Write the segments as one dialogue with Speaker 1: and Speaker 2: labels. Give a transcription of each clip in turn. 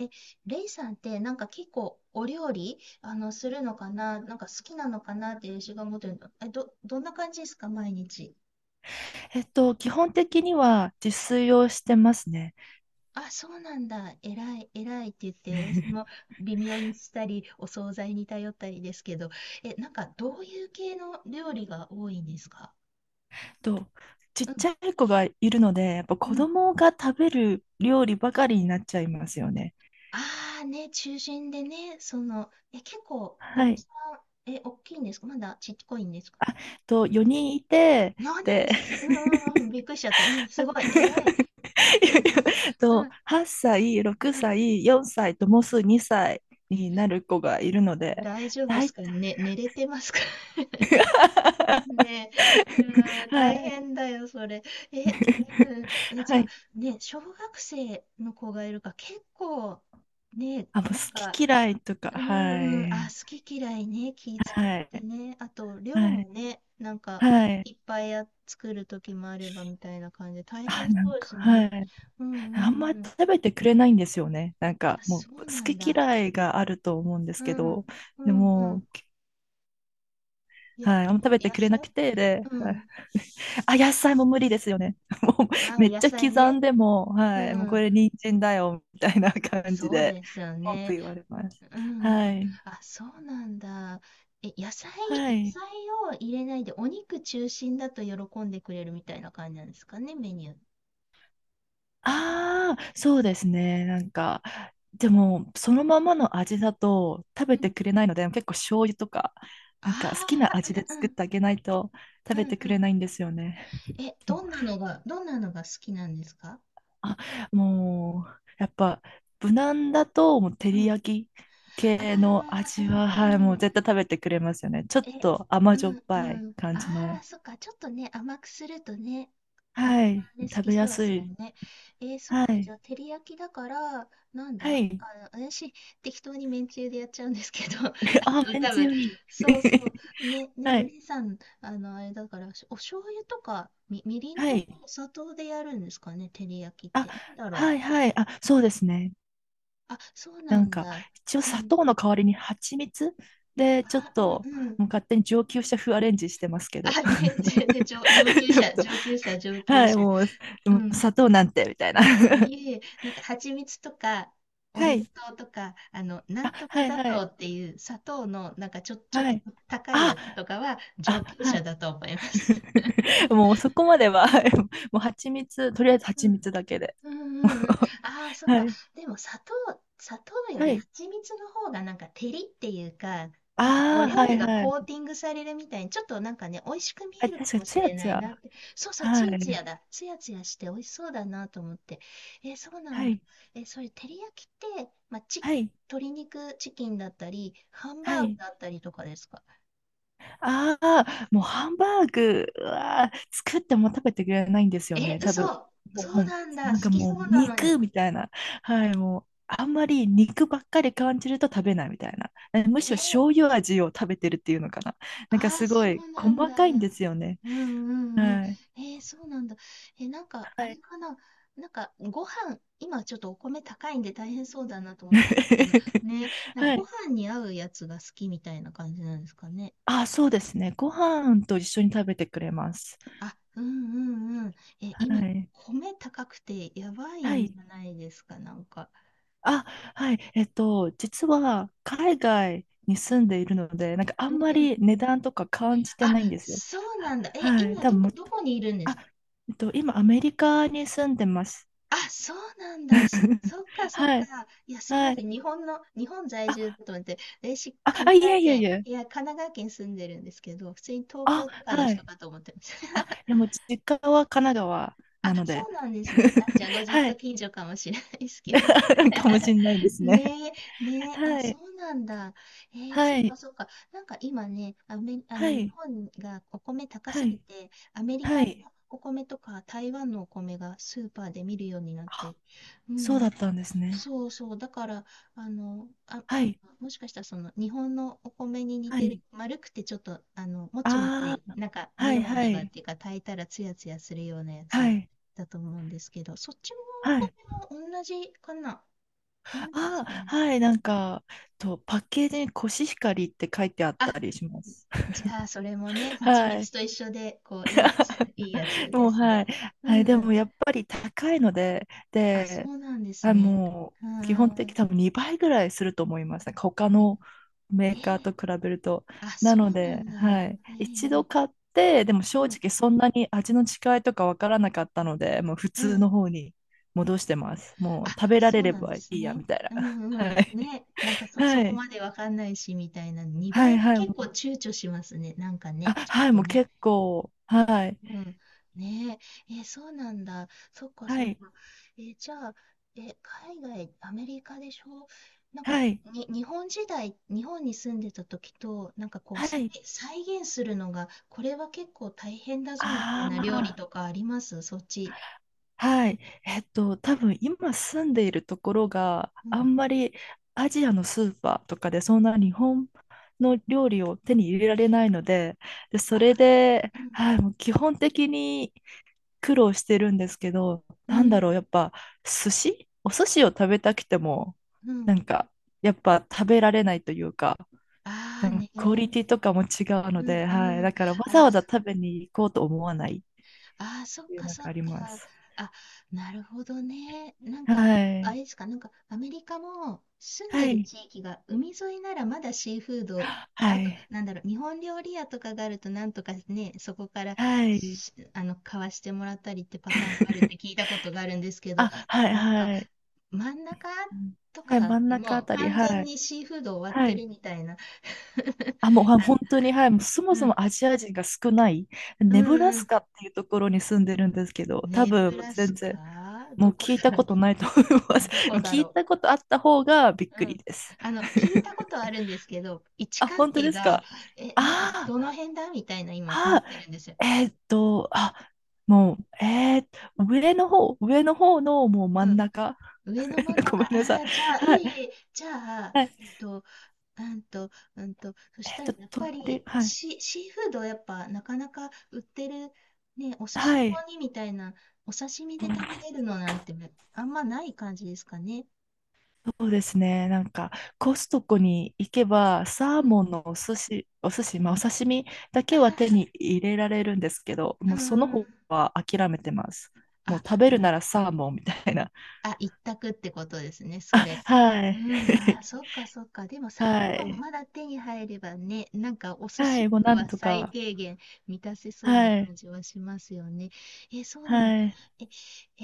Speaker 1: え、レイさんってなんか結構お料理するのかな、なんか好きなのかなって私が思ってるの。え、どんな感じですか、毎日？
Speaker 2: 基本的には自炊をしてますね。
Speaker 1: あ、そうなんだ。えらい、えらいって言って、私も 微妙にしたり、お惣菜に頼ったりですけど、え、なんかどういう系の料理が多いんですか？
Speaker 2: えっと、ち
Speaker 1: う
Speaker 2: っ
Speaker 1: ん、
Speaker 2: ちゃい子がいるので、やっぱ
Speaker 1: う
Speaker 2: 子
Speaker 1: ん。
Speaker 2: 供が食べる料理ばかりになっちゃいますよね。
Speaker 1: ああ、ね、中心でね、結構、お子
Speaker 2: はい。
Speaker 1: さん、え、大きいんですか、まだちっこいんですか？
Speaker 2: 4人いて、
Speaker 1: 4 人っ
Speaker 2: で、
Speaker 1: す。うんうんうん、びっくりしちゃった。うん、すごい、えらい。うんうん
Speaker 2: 8歳、6
Speaker 1: うん、
Speaker 2: 歳、4歳ともうすぐ2歳になる子がいるので、
Speaker 1: 大丈夫で
Speaker 2: 大
Speaker 1: す
Speaker 2: 体。
Speaker 1: かね、寝れてますか？ ねえ、うん、
Speaker 2: は
Speaker 1: 大
Speaker 2: い。
Speaker 1: 変だよ、それ。え、うん、え、じ
Speaker 2: は
Speaker 1: ゃあ、
Speaker 2: い。
Speaker 1: ね、小学生の子がいるから、結構、ね、
Speaker 2: あもう好
Speaker 1: なんか、
Speaker 2: き嫌いとか、
Speaker 1: う
Speaker 2: は
Speaker 1: んん、あ、
Speaker 2: い。
Speaker 1: 好き嫌いね、気使っ
Speaker 2: は
Speaker 1: て
Speaker 2: い。
Speaker 1: ね、あと、量
Speaker 2: はい。
Speaker 1: もね、なんか、
Speaker 2: はい。
Speaker 1: いっぱいや作る時もあればみたいな感じで、大変そうです
Speaker 2: は
Speaker 1: ね。
Speaker 2: い。
Speaker 1: う
Speaker 2: あん
Speaker 1: んう
Speaker 2: ま
Speaker 1: んうん。
Speaker 2: 食べてくれないんですよね。
Speaker 1: あ、そ
Speaker 2: 好
Speaker 1: うなん
Speaker 2: き
Speaker 1: だ。
Speaker 2: 嫌いがあると思うんです
Speaker 1: う
Speaker 2: け
Speaker 1: ん、
Speaker 2: ど、
Speaker 1: う
Speaker 2: で
Speaker 1: んう
Speaker 2: も、
Speaker 1: ん。いや、
Speaker 2: はい。あんま食べて
Speaker 1: 野
Speaker 2: くれな
Speaker 1: 菜。
Speaker 2: くて、で、
Speaker 1: う
Speaker 2: はい、
Speaker 1: ん。
Speaker 2: あ、野菜も無理ですよね。もう、
Speaker 1: ああ、
Speaker 2: めっ
Speaker 1: 野
Speaker 2: ちゃ
Speaker 1: 菜
Speaker 2: 刻
Speaker 1: ね。
Speaker 2: んでも、
Speaker 1: う
Speaker 2: はい。もう、こ
Speaker 1: ん。
Speaker 2: れ、人参だよ、みたいな感じ
Speaker 1: そう
Speaker 2: で、
Speaker 1: ですよ
Speaker 2: 文句
Speaker 1: ね。
Speaker 2: 言われます。
Speaker 1: うんう
Speaker 2: は
Speaker 1: ん。
Speaker 2: い。
Speaker 1: あ、そうなんだ。え、野菜、
Speaker 2: は
Speaker 1: 野
Speaker 2: い。
Speaker 1: 菜を入れないで、お肉中心だと喜んでくれるみたいな感じなんですかね、メニュー。
Speaker 2: ああ、そうですね。でも、そのままの味だと食べ
Speaker 1: う
Speaker 2: て
Speaker 1: ん。
Speaker 2: くれないので、結構醤油とか、なんか好き
Speaker 1: あ
Speaker 2: な
Speaker 1: あ、
Speaker 2: 味で
Speaker 1: うんう
Speaker 2: 作っ
Speaker 1: ん。
Speaker 2: てあげないと
Speaker 1: う
Speaker 2: 食べ
Speaker 1: ん
Speaker 2: て
Speaker 1: う
Speaker 2: くれ
Speaker 1: ん。
Speaker 2: ないんですよね。
Speaker 1: え、
Speaker 2: も
Speaker 1: ど
Speaker 2: う
Speaker 1: んなのが、どんなのが好きなんですか？
Speaker 2: あ、もう、やっぱ、無難だと、もう、照
Speaker 1: うん。
Speaker 2: り
Speaker 1: あ
Speaker 2: 焼き
Speaker 1: あ、
Speaker 2: 系の
Speaker 1: う
Speaker 2: 味は、はい、
Speaker 1: ん
Speaker 2: も
Speaker 1: う
Speaker 2: う
Speaker 1: ん。
Speaker 2: 絶対食べてくれますよね。ちょっ
Speaker 1: え、
Speaker 2: と甘
Speaker 1: う
Speaker 2: じょっ
Speaker 1: ん
Speaker 2: ぱい
Speaker 1: うん。
Speaker 2: 感じ
Speaker 1: ああ、
Speaker 2: の。
Speaker 1: そっか。ちょっとね、甘くするとね、お子
Speaker 2: は
Speaker 1: さ
Speaker 2: い、
Speaker 1: んね、好
Speaker 2: 食
Speaker 1: き
Speaker 2: べ
Speaker 1: そ
Speaker 2: や
Speaker 1: うで
Speaker 2: す
Speaker 1: すよ
Speaker 2: い。
Speaker 1: ね。えー、そっ
Speaker 2: は
Speaker 1: か。じゃ
Speaker 2: い。
Speaker 1: あ、照り焼きだから、なん
Speaker 2: は
Speaker 1: だ
Speaker 2: い。
Speaker 1: 私、適当にめんつゆでやっちゃうんですけど、
Speaker 2: あ、めん
Speaker 1: 多
Speaker 2: つ
Speaker 1: 分、
Speaker 2: ゆいい。
Speaker 1: そうそう。ね、で
Speaker 2: は
Speaker 1: も、
Speaker 2: い。
Speaker 1: レイさん、あれだから、お醤油とか、みりん
Speaker 2: は
Speaker 1: とか、
Speaker 2: い。
Speaker 1: お砂糖でやるんですかね、照り焼きっ
Speaker 2: あ、
Speaker 1: て。なんだろ
Speaker 2: は
Speaker 1: う。
Speaker 2: いはい。あ、そうですね。
Speaker 1: あ、そう
Speaker 2: な
Speaker 1: な
Speaker 2: ん
Speaker 1: ん
Speaker 2: か、
Speaker 1: だ。
Speaker 2: 一応
Speaker 1: う
Speaker 2: 砂
Speaker 1: ん。
Speaker 2: 糖の代わりに蜂蜜で、ちょっ
Speaker 1: あ、うん
Speaker 2: と、
Speaker 1: うん。
Speaker 2: もう勝手に上級者風アレンジしてますけど。
Speaker 1: あ、ね、全然上 級
Speaker 2: ちょっ
Speaker 1: 者、
Speaker 2: と、
Speaker 1: 上級者、上級
Speaker 2: はい、
Speaker 1: 者。
Speaker 2: もう、で
Speaker 1: う
Speaker 2: も
Speaker 1: ん。
Speaker 2: 砂糖なんて、みたいな。
Speaker 1: いえ いえ、なんか蜂蜜とか、オ
Speaker 2: は
Speaker 1: リゴ
Speaker 2: い。
Speaker 1: 糖とか、な
Speaker 2: あ、
Speaker 1: んとか
Speaker 2: はい
Speaker 1: 砂
Speaker 2: は
Speaker 1: 糖
Speaker 2: い。
Speaker 1: っていう砂糖の、なんかちょっ
Speaker 2: は
Speaker 1: と
Speaker 2: い。
Speaker 1: 高いや
Speaker 2: あ、
Speaker 1: つとかは上
Speaker 2: あ、
Speaker 1: 級
Speaker 2: は
Speaker 1: 者
Speaker 2: い。
Speaker 1: だと思います。
Speaker 2: もうそこまでは、はい。 もう蜂蜜、とりあえず蜂蜜だけで。
Speaker 1: うんうんうん。ああ、そっ
Speaker 2: は
Speaker 1: か。
Speaker 2: い。
Speaker 1: でも砂糖よ
Speaker 2: は
Speaker 1: り
Speaker 2: い。
Speaker 1: 蜂蜜の方がなんか照りっていうか、なんかお
Speaker 2: ああ、
Speaker 1: 料
Speaker 2: はい
Speaker 1: 理が
Speaker 2: は
Speaker 1: コー
Speaker 2: い。
Speaker 1: ティングされるみたいに、ちょっとなんかね、美味しく見
Speaker 2: あ、
Speaker 1: えるか
Speaker 2: 確かに、
Speaker 1: も
Speaker 2: つ
Speaker 1: し
Speaker 2: や
Speaker 1: れ
Speaker 2: つ
Speaker 1: ないな
Speaker 2: や。
Speaker 1: って。そうそう、つ
Speaker 2: は
Speaker 1: やつや
Speaker 2: い。
Speaker 1: だ。つやつやして美味しそうだなと思って。えー、そうな
Speaker 2: は
Speaker 1: んだ。
Speaker 2: い。
Speaker 1: えー、それ、照り焼きって、まあ、
Speaker 2: はい。
Speaker 1: 鶏肉チキンだったり、ハンバ
Speaker 2: は
Speaker 1: ーグ
Speaker 2: い。
Speaker 1: だったりとかですか？
Speaker 2: ああ、もうハンバーグは作っても食べてくれないんですよ
Speaker 1: え、
Speaker 2: ね、多分。
Speaker 1: 嘘。
Speaker 2: もう、
Speaker 1: そう
Speaker 2: も
Speaker 1: なんだ。好き
Speaker 2: も
Speaker 1: そ
Speaker 2: う
Speaker 1: うなの
Speaker 2: 肉
Speaker 1: に。
Speaker 2: みたいな。はい、もう、あんまり肉ばっかり感じると食べないみたいな。えむ
Speaker 1: え
Speaker 2: しろ
Speaker 1: ー
Speaker 2: 醤油味を食べてるっていうのかな。なんか
Speaker 1: ああ、
Speaker 2: すご
Speaker 1: そ
Speaker 2: い
Speaker 1: うな
Speaker 2: 細
Speaker 1: んだ。
Speaker 2: かいんですよね。
Speaker 1: うんうんうん。
Speaker 2: はい。
Speaker 1: えー、そうなんだ。なんか、
Speaker 2: は
Speaker 1: あれ
Speaker 2: い。
Speaker 1: かな。なんか、今ちょっとお米高いんで大変そうだなと思ったんですけど、ね、なんか
Speaker 2: は
Speaker 1: ご
Speaker 2: い。
Speaker 1: 飯に合うやつが好きみたいな感じなんですかね。
Speaker 2: あ、そうですね。ご飯と一緒に食べてくれます。
Speaker 1: あ、うんうんうん。
Speaker 2: は
Speaker 1: 今、
Speaker 2: い。
Speaker 1: 米高くてやばい
Speaker 2: は
Speaker 1: んじ
Speaker 2: い。
Speaker 1: ゃないですか、なんか。
Speaker 2: あ、はい。実は海外に住んでいるので、なんかあ
Speaker 1: うん
Speaker 2: んま
Speaker 1: うん。
Speaker 2: り値段とか感じて
Speaker 1: あ、
Speaker 2: ないんですよ。
Speaker 1: そうな
Speaker 2: は
Speaker 1: んだ。
Speaker 2: はい。
Speaker 1: 今
Speaker 2: 多
Speaker 1: ど
Speaker 2: 分も
Speaker 1: こ、
Speaker 2: っ
Speaker 1: ど
Speaker 2: と、
Speaker 1: こにいるんで
Speaker 2: あ、
Speaker 1: すか？
Speaker 2: 今アメリカに住んでます。
Speaker 1: あ、そうなんだ。しそっかそっ
Speaker 2: は
Speaker 1: か。
Speaker 2: い。
Speaker 1: いや、すい
Speaker 2: は
Speaker 1: ませ
Speaker 2: い。
Speaker 1: ん。日本在
Speaker 2: あ、
Speaker 1: 住だと思って、私、神
Speaker 2: いや
Speaker 1: 奈
Speaker 2: いや
Speaker 1: 川
Speaker 2: い
Speaker 1: 県、
Speaker 2: や。
Speaker 1: いや、神奈川県住んでるんですけど、普通に東
Speaker 2: あ、
Speaker 1: 京とかの
Speaker 2: は
Speaker 1: 人
Speaker 2: い。
Speaker 1: かと思ってまし
Speaker 2: あ、い
Speaker 1: た。
Speaker 2: やもう実家は神奈川
Speaker 1: あ、
Speaker 2: なの
Speaker 1: そ
Speaker 2: で。
Speaker 1: うなんですね。あ、じゃあ、ご実
Speaker 2: は
Speaker 1: 家
Speaker 2: い。
Speaker 1: 近所かもしれないですけど。
Speaker 2: かもしれ ないですね。
Speaker 1: ねえ、ねえ、あ、
Speaker 2: は
Speaker 1: そ
Speaker 2: い。
Speaker 1: うなんだ。えー、そ
Speaker 2: は
Speaker 1: っ
Speaker 2: い。
Speaker 1: かそっか。なんか今ね、アメ、あ
Speaker 2: は
Speaker 1: の、日
Speaker 2: い。
Speaker 1: 本がお米高
Speaker 2: は
Speaker 1: すぎ
Speaker 2: い。
Speaker 1: て、アメリ
Speaker 2: は
Speaker 1: カの
Speaker 2: い。
Speaker 1: お米とか台湾のお米がスーパーで見るようになっ
Speaker 2: あ、
Speaker 1: て、うんう
Speaker 2: そうだった
Speaker 1: ん。
Speaker 2: んですね。
Speaker 1: そうそう。だから、あの、あ、
Speaker 2: は
Speaker 1: た、
Speaker 2: い。
Speaker 1: もしかしたらその日本のお米に似
Speaker 2: は
Speaker 1: てる、
Speaker 2: い。
Speaker 1: 丸くてちょっと、もちも
Speaker 2: あ
Speaker 1: ち、
Speaker 2: あ、
Speaker 1: なんか、
Speaker 2: は
Speaker 1: ネ
Speaker 2: い
Speaker 1: バ
Speaker 2: は
Speaker 1: ネバっ
Speaker 2: い、
Speaker 1: ていうか、炊いたらツヤツヤするようなや
Speaker 2: は
Speaker 1: つ
Speaker 2: い、
Speaker 1: だと思うんですけど、そっちの
Speaker 2: はい。
Speaker 1: お米も同じかな、同じです
Speaker 2: あ
Speaker 1: か
Speaker 2: あ、
Speaker 1: ね？
Speaker 2: はい、パッケージにコシヒカリって書いてあっ
Speaker 1: あ、
Speaker 2: たりします。
Speaker 1: じゃあ、それもね、蜂
Speaker 2: は
Speaker 1: 蜜
Speaker 2: い。
Speaker 1: と一緒で、こう、いいやつ、いいやつ
Speaker 2: も
Speaker 1: で
Speaker 2: う、
Speaker 1: す
Speaker 2: は
Speaker 1: ね。
Speaker 2: い。
Speaker 1: う
Speaker 2: はい、
Speaker 1: ん
Speaker 2: で
Speaker 1: う
Speaker 2: も
Speaker 1: ん。
Speaker 2: やっぱり高いので、
Speaker 1: あ、そ
Speaker 2: で、
Speaker 1: うなんです
Speaker 2: あ
Speaker 1: ね。
Speaker 2: も
Speaker 1: う
Speaker 2: う基
Speaker 1: ー
Speaker 2: 本的
Speaker 1: ん。
Speaker 2: 多分2倍ぐらいすると思いますね。他のメ
Speaker 1: えー
Speaker 2: ーカーと比べると。
Speaker 1: あ、
Speaker 2: な
Speaker 1: そ
Speaker 2: の
Speaker 1: うな
Speaker 2: で、
Speaker 1: ん
Speaker 2: は
Speaker 1: だ。
Speaker 2: い。一
Speaker 1: え
Speaker 2: 度
Speaker 1: え、
Speaker 2: 買って、でも正
Speaker 1: うん、
Speaker 2: 直そんなに味の違いとかわからなかったので、もう普
Speaker 1: う
Speaker 2: 通
Speaker 1: ん。
Speaker 2: の方に戻してます。もう
Speaker 1: あ、
Speaker 2: 食べら
Speaker 1: そ
Speaker 2: れ
Speaker 1: う
Speaker 2: れ
Speaker 1: なんで
Speaker 2: ばい
Speaker 1: す
Speaker 2: いや、
Speaker 1: ね。
Speaker 2: みたいな。
Speaker 1: う んう
Speaker 2: は
Speaker 1: ん。
Speaker 2: い。
Speaker 1: ね。なんか
Speaker 2: は
Speaker 1: そこ
Speaker 2: い。
Speaker 1: までわかんないし、みたいな。
Speaker 2: は
Speaker 1: 2
Speaker 2: い、
Speaker 1: 倍
Speaker 2: は
Speaker 1: 結構
Speaker 2: い。
Speaker 1: 躊躇しますね。なんか
Speaker 2: あ、
Speaker 1: ね。ちょ
Speaker 2: はい、
Speaker 1: っと
Speaker 2: もう
Speaker 1: ね。
Speaker 2: 結構。はい。
Speaker 1: うん。ねえ。え、そうなんだ。そっか
Speaker 2: は
Speaker 1: そっ
Speaker 2: い。
Speaker 1: か。え、じゃあ、え、海外、アメリカでしょ、なんか、
Speaker 2: はい。
Speaker 1: に、日本に住んでた時と、なんかこう、
Speaker 2: はい。
Speaker 1: 再現するのが、これは結構大変だぞ、みたい
Speaker 2: あ
Speaker 1: な料理と
Speaker 2: あ。
Speaker 1: かありますそっち？
Speaker 2: はい。多分今住んでいるところが
Speaker 1: うん。
Speaker 2: あんまりアジアのスーパーとかでそんな日本の料理を手に入れられないので、で、そ
Speaker 1: あ、
Speaker 2: れで、
Speaker 1: うん。
Speaker 2: はい、もう基本的に苦労してるんですけど、
Speaker 1: う
Speaker 2: なんだろう、
Speaker 1: ん。
Speaker 2: やっぱお寿司を食べたくても、
Speaker 1: う
Speaker 2: な
Speaker 1: ん。
Speaker 2: んか、やっぱ食べられないというか、
Speaker 1: あ
Speaker 2: で
Speaker 1: あ
Speaker 2: も
Speaker 1: ね、
Speaker 2: クオリティとかも違うの
Speaker 1: うん
Speaker 2: で、はい。
Speaker 1: う
Speaker 2: だ
Speaker 1: ん。
Speaker 2: からわざ
Speaker 1: あ、
Speaker 2: わざ
Speaker 1: そ
Speaker 2: 食べに行こうと思わないっ
Speaker 1: あー、そっ
Speaker 2: ていう
Speaker 1: か
Speaker 2: のが
Speaker 1: そっ
Speaker 2: あり
Speaker 1: か。
Speaker 2: ます。
Speaker 1: あ、なるほどね。なん
Speaker 2: は
Speaker 1: か、あれ
Speaker 2: い。
Speaker 1: ですか、なんかアメリカも住んで
Speaker 2: は
Speaker 1: る
Speaker 2: い。
Speaker 1: 地域が海沿いならまだシーフード、
Speaker 2: は
Speaker 1: あと、
Speaker 2: い。
Speaker 1: なんだろう、日本料理屋とかがあるとなんとかね、そこから
Speaker 2: はい。
Speaker 1: しあの買わしてもらったりってパターンがあるって 聞いたことがあるんですけど、
Speaker 2: あ、はい、
Speaker 1: なんか
Speaker 2: はい。
Speaker 1: 真ん中
Speaker 2: うん
Speaker 1: と
Speaker 2: はい、
Speaker 1: か
Speaker 2: 真ん中あ
Speaker 1: もう
Speaker 2: たり、
Speaker 1: 完
Speaker 2: は
Speaker 1: 全
Speaker 2: い。
Speaker 1: にシーフード終わっ
Speaker 2: は
Speaker 1: てる
Speaker 2: い。
Speaker 1: みたいな。
Speaker 2: あ、もう、あ本
Speaker 1: あ、
Speaker 2: 当に、はい。もうそも
Speaker 1: う
Speaker 2: そ
Speaker 1: ん。
Speaker 2: もアジア人が少ない、
Speaker 1: うん
Speaker 2: ネブラ
Speaker 1: う
Speaker 2: ス
Speaker 1: ん、
Speaker 2: カっていうところに住んでるんですけど、多
Speaker 1: ネブ
Speaker 2: 分、もう
Speaker 1: ラス
Speaker 2: 全
Speaker 1: カ
Speaker 2: 然、も
Speaker 1: ど
Speaker 2: う
Speaker 1: こ
Speaker 2: 聞いた
Speaker 1: だろ
Speaker 2: こ
Speaker 1: う。
Speaker 2: とないと思い ます。
Speaker 1: ど
Speaker 2: で
Speaker 1: こ
Speaker 2: もう
Speaker 1: だ
Speaker 2: 聞い
Speaker 1: ろ
Speaker 2: たことあった方がびっ
Speaker 1: う。
Speaker 2: く
Speaker 1: う
Speaker 2: り
Speaker 1: ん。
Speaker 2: です。
Speaker 1: 聞いたこ とあるんですけど、位置
Speaker 2: あ、
Speaker 1: 関
Speaker 2: 本当
Speaker 1: 係
Speaker 2: です
Speaker 1: が、
Speaker 2: か。
Speaker 1: え、なんか
Speaker 2: あ
Speaker 1: どの
Speaker 2: ー
Speaker 1: 辺だみたいな今なっ
Speaker 2: あ
Speaker 1: てるんですよ。
Speaker 2: ー、えーっと、あ、もう、えー上の方、上の方のもう真
Speaker 1: う
Speaker 2: ん
Speaker 1: ん。
Speaker 2: 中。
Speaker 1: 上の真ん
Speaker 2: ご
Speaker 1: 中、
Speaker 2: め
Speaker 1: あ
Speaker 2: んなさい。
Speaker 1: あ、じゃあ、い
Speaker 2: は
Speaker 1: えい
Speaker 2: い。
Speaker 1: え、じゃあ、
Speaker 2: はい。
Speaker 1: うんと、そし
Speaker 2: えっ
Speaker 1: たら
Speaker 2: と、
Speaker 1: やっ
Speaker 2: 飛
Speaker 1: ぱ
Speaker 2: んで、
Speaker 1: り
Speaker 2: はい。
Speaker 1: シーフードやっぱなかなか売ってる、ね、お寿司
Speaker 2: はい。
Speaker 1: 用にみたいな、お刺身
Speaker 2: う
Speaker 1: で
Speaker 2: ん
Speaker 1: 食べれるのなんてあんまない感じですかね。
Speaker 2: そうですね。なんか、コストコに行けば、サー
Speaker 1: うん。
Speaker 2: モンのお寿司、お刺身だ
Speaker 1: あ
Speaker 2: けは手
Speaker 1: あ、
Speaker 2: に入れられるんですけど、
Speaker 1: う
Speaker 2: もうその
Speaker 1: んう
Speaker 2: 方
Speaker 1: ん。
Speaker 2: は諦めてます。もう
Speaker 1: あ、
Speaker 2: 食べるな
Speaker 1: な
Speaker 2: らサーモンみたいな。
Speaker 1: 一択ってことですね、
Speaker 2: あ、
Speaker 1: それ。
Speaker 2: はい。
Speaker 1: うん、あー、そっかそっか。でもサ
Speaker 2: は
Speaker 1: ーモン
Speaker 2: い。
Speaker 1: まだ手に入ればね、なんかお寿
Speaker 2: は
Speaker 1: 司
Speaker 2: い。
Speaker 1: と
Speaker 2: もう
Speaker 1: か
Speaker 2: な
Speaker 1: は
Speaker 2: んと
Speaker 1: 最
Speaker 2: か。
Speaker 1: 低限満たせそうな
Speaker 2: はい。
Speaker 1: 感じはしますよね。え、そうなんだ。
Speaker 2: はい。
Speaker 1: え、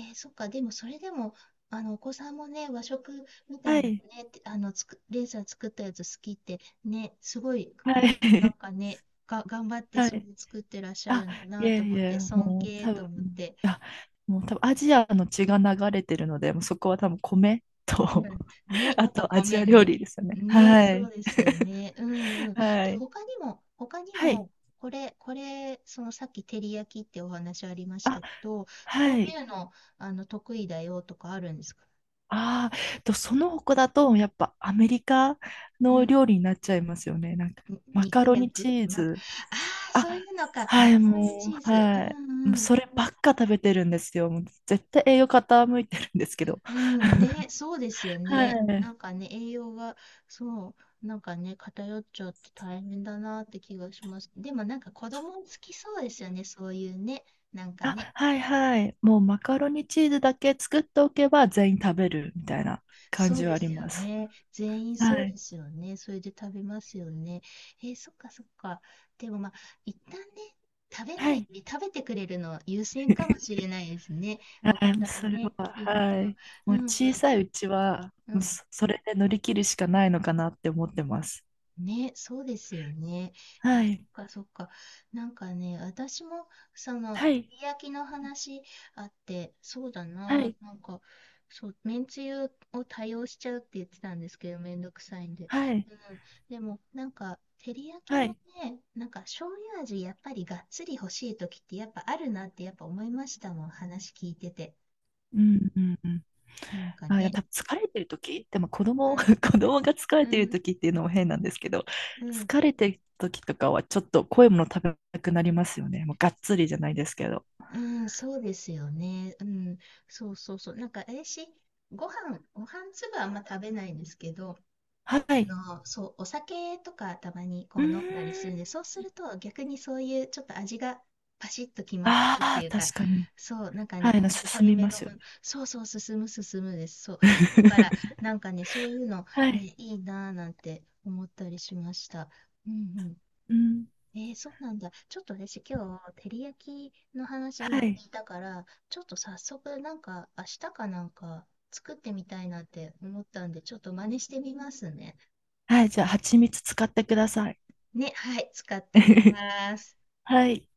Speaker 1: え、そっか。でもそれでも、お子さんもね、和食みた
Speaker 2: は
Speaker 1: いな
Speaker 2: い。
Speaker 1: ね、てあの、つく、レイさん作ったやつ好きって、ね、すごい、
Speaker 2: は
Speaker 1: あ、なん
Speaker 2: い。
Speaker 1: かね、頑張っ て
Speaker 2: は
Speaker 1: す
Speaker 2: い。
Speaker 1: ごい作ってらっしゃる
Speaker 2: あ、
Speaker 1: んだ
Speaker 2: い
Speaker 1: な
Speaker 2: え
Speaker 1: と思
Speaker 2: い
Speaker 1: っ
Speaker 2: え、
Speaker 1: て、尊敬と思って。
Speaker 2: あ、もう多分アジアの血が流れてるので、もうそこは多分米
Speaker 1: う
Speaker 2: と。
Speaker 1: ん。ね、や
Speaker 2: あ
Speaker 1: っぱ
Speaker 2: とアジ
Speaker 1: 米
Speaker 2: ア料
Speaker 1: ね。
Speaker 2: 理ですよね。
Speaker 1: ね、
Speaker 2: は
Speaker 1: そう
Speaker 2: い。
Speaker 1: ですよね。うんうん。
Speaker 2: は
Speaker 1: え、
Speaker 2: い。
Speaker 1: 他にも、他に
Speaker 2: はい。
Speaker 1: も、これ、そのさっき照り焼きってお話ありまし
Speaker 2: あ、
Speaker 1: たけど、こ
Speaker 2: は
Speaker 1: う
Speaker 2: い。
Speaker 1: いうの、得意だよとかあるんですか？
Speaker 2: ああ、と、その他だと、やっぱアメリカ
Speaker 1: う
Speaker 2: の
Speaker 1: ん。
Speaker 2: 料理になっちゃいますよね。なんか、
Speaker 1: に
Speaker 2: マカ
Speaker 1: 肉
Speaker 2: ロ
Speaker 1: 焼
Speaker 2: ニチ
Speaker 1: く
Speaker 2: ー
Speaker 1: ま、あ
Speaker 2: ズ。
Speaker 1: あー、そうい
Speaker 2: あ、
Speaker 1: うのか。マ
Speaker 2: は
Speaker 1: カ
Speaker 2: い、
Speaker 1: ロニ
Speaker 2: も
Speaker 1: チー
Speaker 2: う、
Speaker 1: ズ。う
Speaker 2: はい。もう
Speaker 1: んうん。
Speaker 2: そればっか食べてるんですよ。もう絶対栄養傾いてるんですけど。
Speaker 1: うん、ね、そうですよ
Speaker 2: は
Speaker 1: ね。な
Speaker 2: い。
Speaker 1: んかね、栄養が、そう、なんかね、偏っちゃって大変だなって気がします。でもなんか子供好きそうですよね、そういうね。なんかね、
Speaker 2: あ、はいはい。もうマカロニチーズだけ作っておけば全員食べるみたいな感
Speaker 1: そう
Speaker 2: じは
Speaker 1: で
Speaker 2: あり
Speaker 1: すよ
Speaker 2: ます。
Speaker 1: ね。全員そ
Speaker 2: は
Speaker 1: うで
Speaker 2: い。
Speaker 1: すよね。それで食べますよね。えー、そっかそっか。でもまあ、一旦ね、食べな
Speaker 2: は
Speaker 1: い、
Speaker 2: い。
Speaker 1: 食べてくれるの優先かもし れないですね。
Speaker 2: は
Speaker 1: お子
Speaker 2: い、
Speaker 1: さ
Speaker 2: そ
Speaker 1: ん
Speaker 2: れ
Speaker 1: ね、
Speaker 2: は、
Speaker 1: いると。
Speaker 2: はい。
Speaker 1: う
Speaker 2: もう
Speaker 1: んう
Speaker 2: 小
Speaker 1: ん、
Speaker 2: さいうちは、
Speaker 1: う
Speaker 2: もう
Speaker 1: ん
Speaker 2: そそれで乗り切るしかないのかなって思ってます。
Speaker 1: ね、そうですよね。
Speaker 2: は
Speaker 1: あ、そっ
Speaker 2: い。
Speaker 1: かそっか。なんかね、私も、その、
Speaker 2: は
Speaker 1: 照
Speaker 2: い。
Speaker 1: り焼きの話あって、そうだ
Speaker 2: は
Speaker 1: な、
Speaker 2: い。
Speaker 1: なんか、そう、めんつゆを多用しちゃうって言ってたんですけど、めんどくさいんで。
Speaker 2: はい。
Speaker 1: うん。でも、なんか、照り焼き
Speaker 2: は
Speaker 1: も
Speaker 2: い。
Speaker 1: ね、なんか、醤油味、やっぱりがっつり欲しい時って、やっぱあるなって、やっぱ思いましたもん、話聞いてて。
Speaker 2: うんうんうん。
Speaker 1: なんか
Speaker 2: あ、いや、
Speaker 1: ね。
Speaker 2: 多分疲れてる時、でも子
Speaker 1: う
Speaker 2: 供、子
Speaker 1: ん、
Speaker 2: 供が疲れ
Speaker 1: う
Speaker 2: てる
Speaker 1: ん、
Speaker 2: 時っていうのも変なんですけど、
Speaker 1: うん。
Speaker 2: 疲れてる時とかはちょっと濃いもの食べたくなりますよね。もうがっつりじゃないですけど。
Speaker 1: うん、そうですよね。うん、そうそうそう。なんか、私、ご飯粒はあんま食べないんですけど、
Speaker 2: は
Speaker 1: あ
Speaker 2: い。
Speaker 1: そう、お酒とかたまにこ
Speaker 2: う
Speaker 1: う
Speaker 2: ー
Speaker 1: 飲んだりするんで、
Speaker 2: ん。
Speaker 1: そうすると逆にそういうちょっと味がパシッと決まってるって
Speaker 2: あ
Speaker 1: い
Speaker 2: あ、
Speaker 1: うか、
Speaker 2: 確かに。
Speaker 1: そう、なんかね、
Speaker 2: はい、な
Speaker 1: 濃
Speaker 2: 進
Speaker 1: い
Speaker 2: み
Speaker 1: め
Speaker 2: ま
Speaker 1: の
Speaker 2: す
Speaker 1: も
Speaker 2: よ
Speaker 1: の、
Speaker 2: ね。
Speaker 1: そうそう、進むです。そう。だから、なんかね、そういうの、
Speaker 2: はい。
Speaker 1: ね、いいなぁなんて思ったりしました。うん、
Speaker 2: うん。
Speaker 1: えー、そうなんだ。ちょっと私今日、照り焼きの話
Speaker 2: は
Speaker 1: 今
Speaker 2: い。
Speaker 1: 聞いたから、ちょっと早速なんか明日かなんか作ってみたいなって思ったんで、ちょっと真似してみますね。
Speaker 2: はい、じゃあ、蜂蜜使ってください。
Speaker 1: ね、はい、使ってみ ます。
Speaker 2: はい。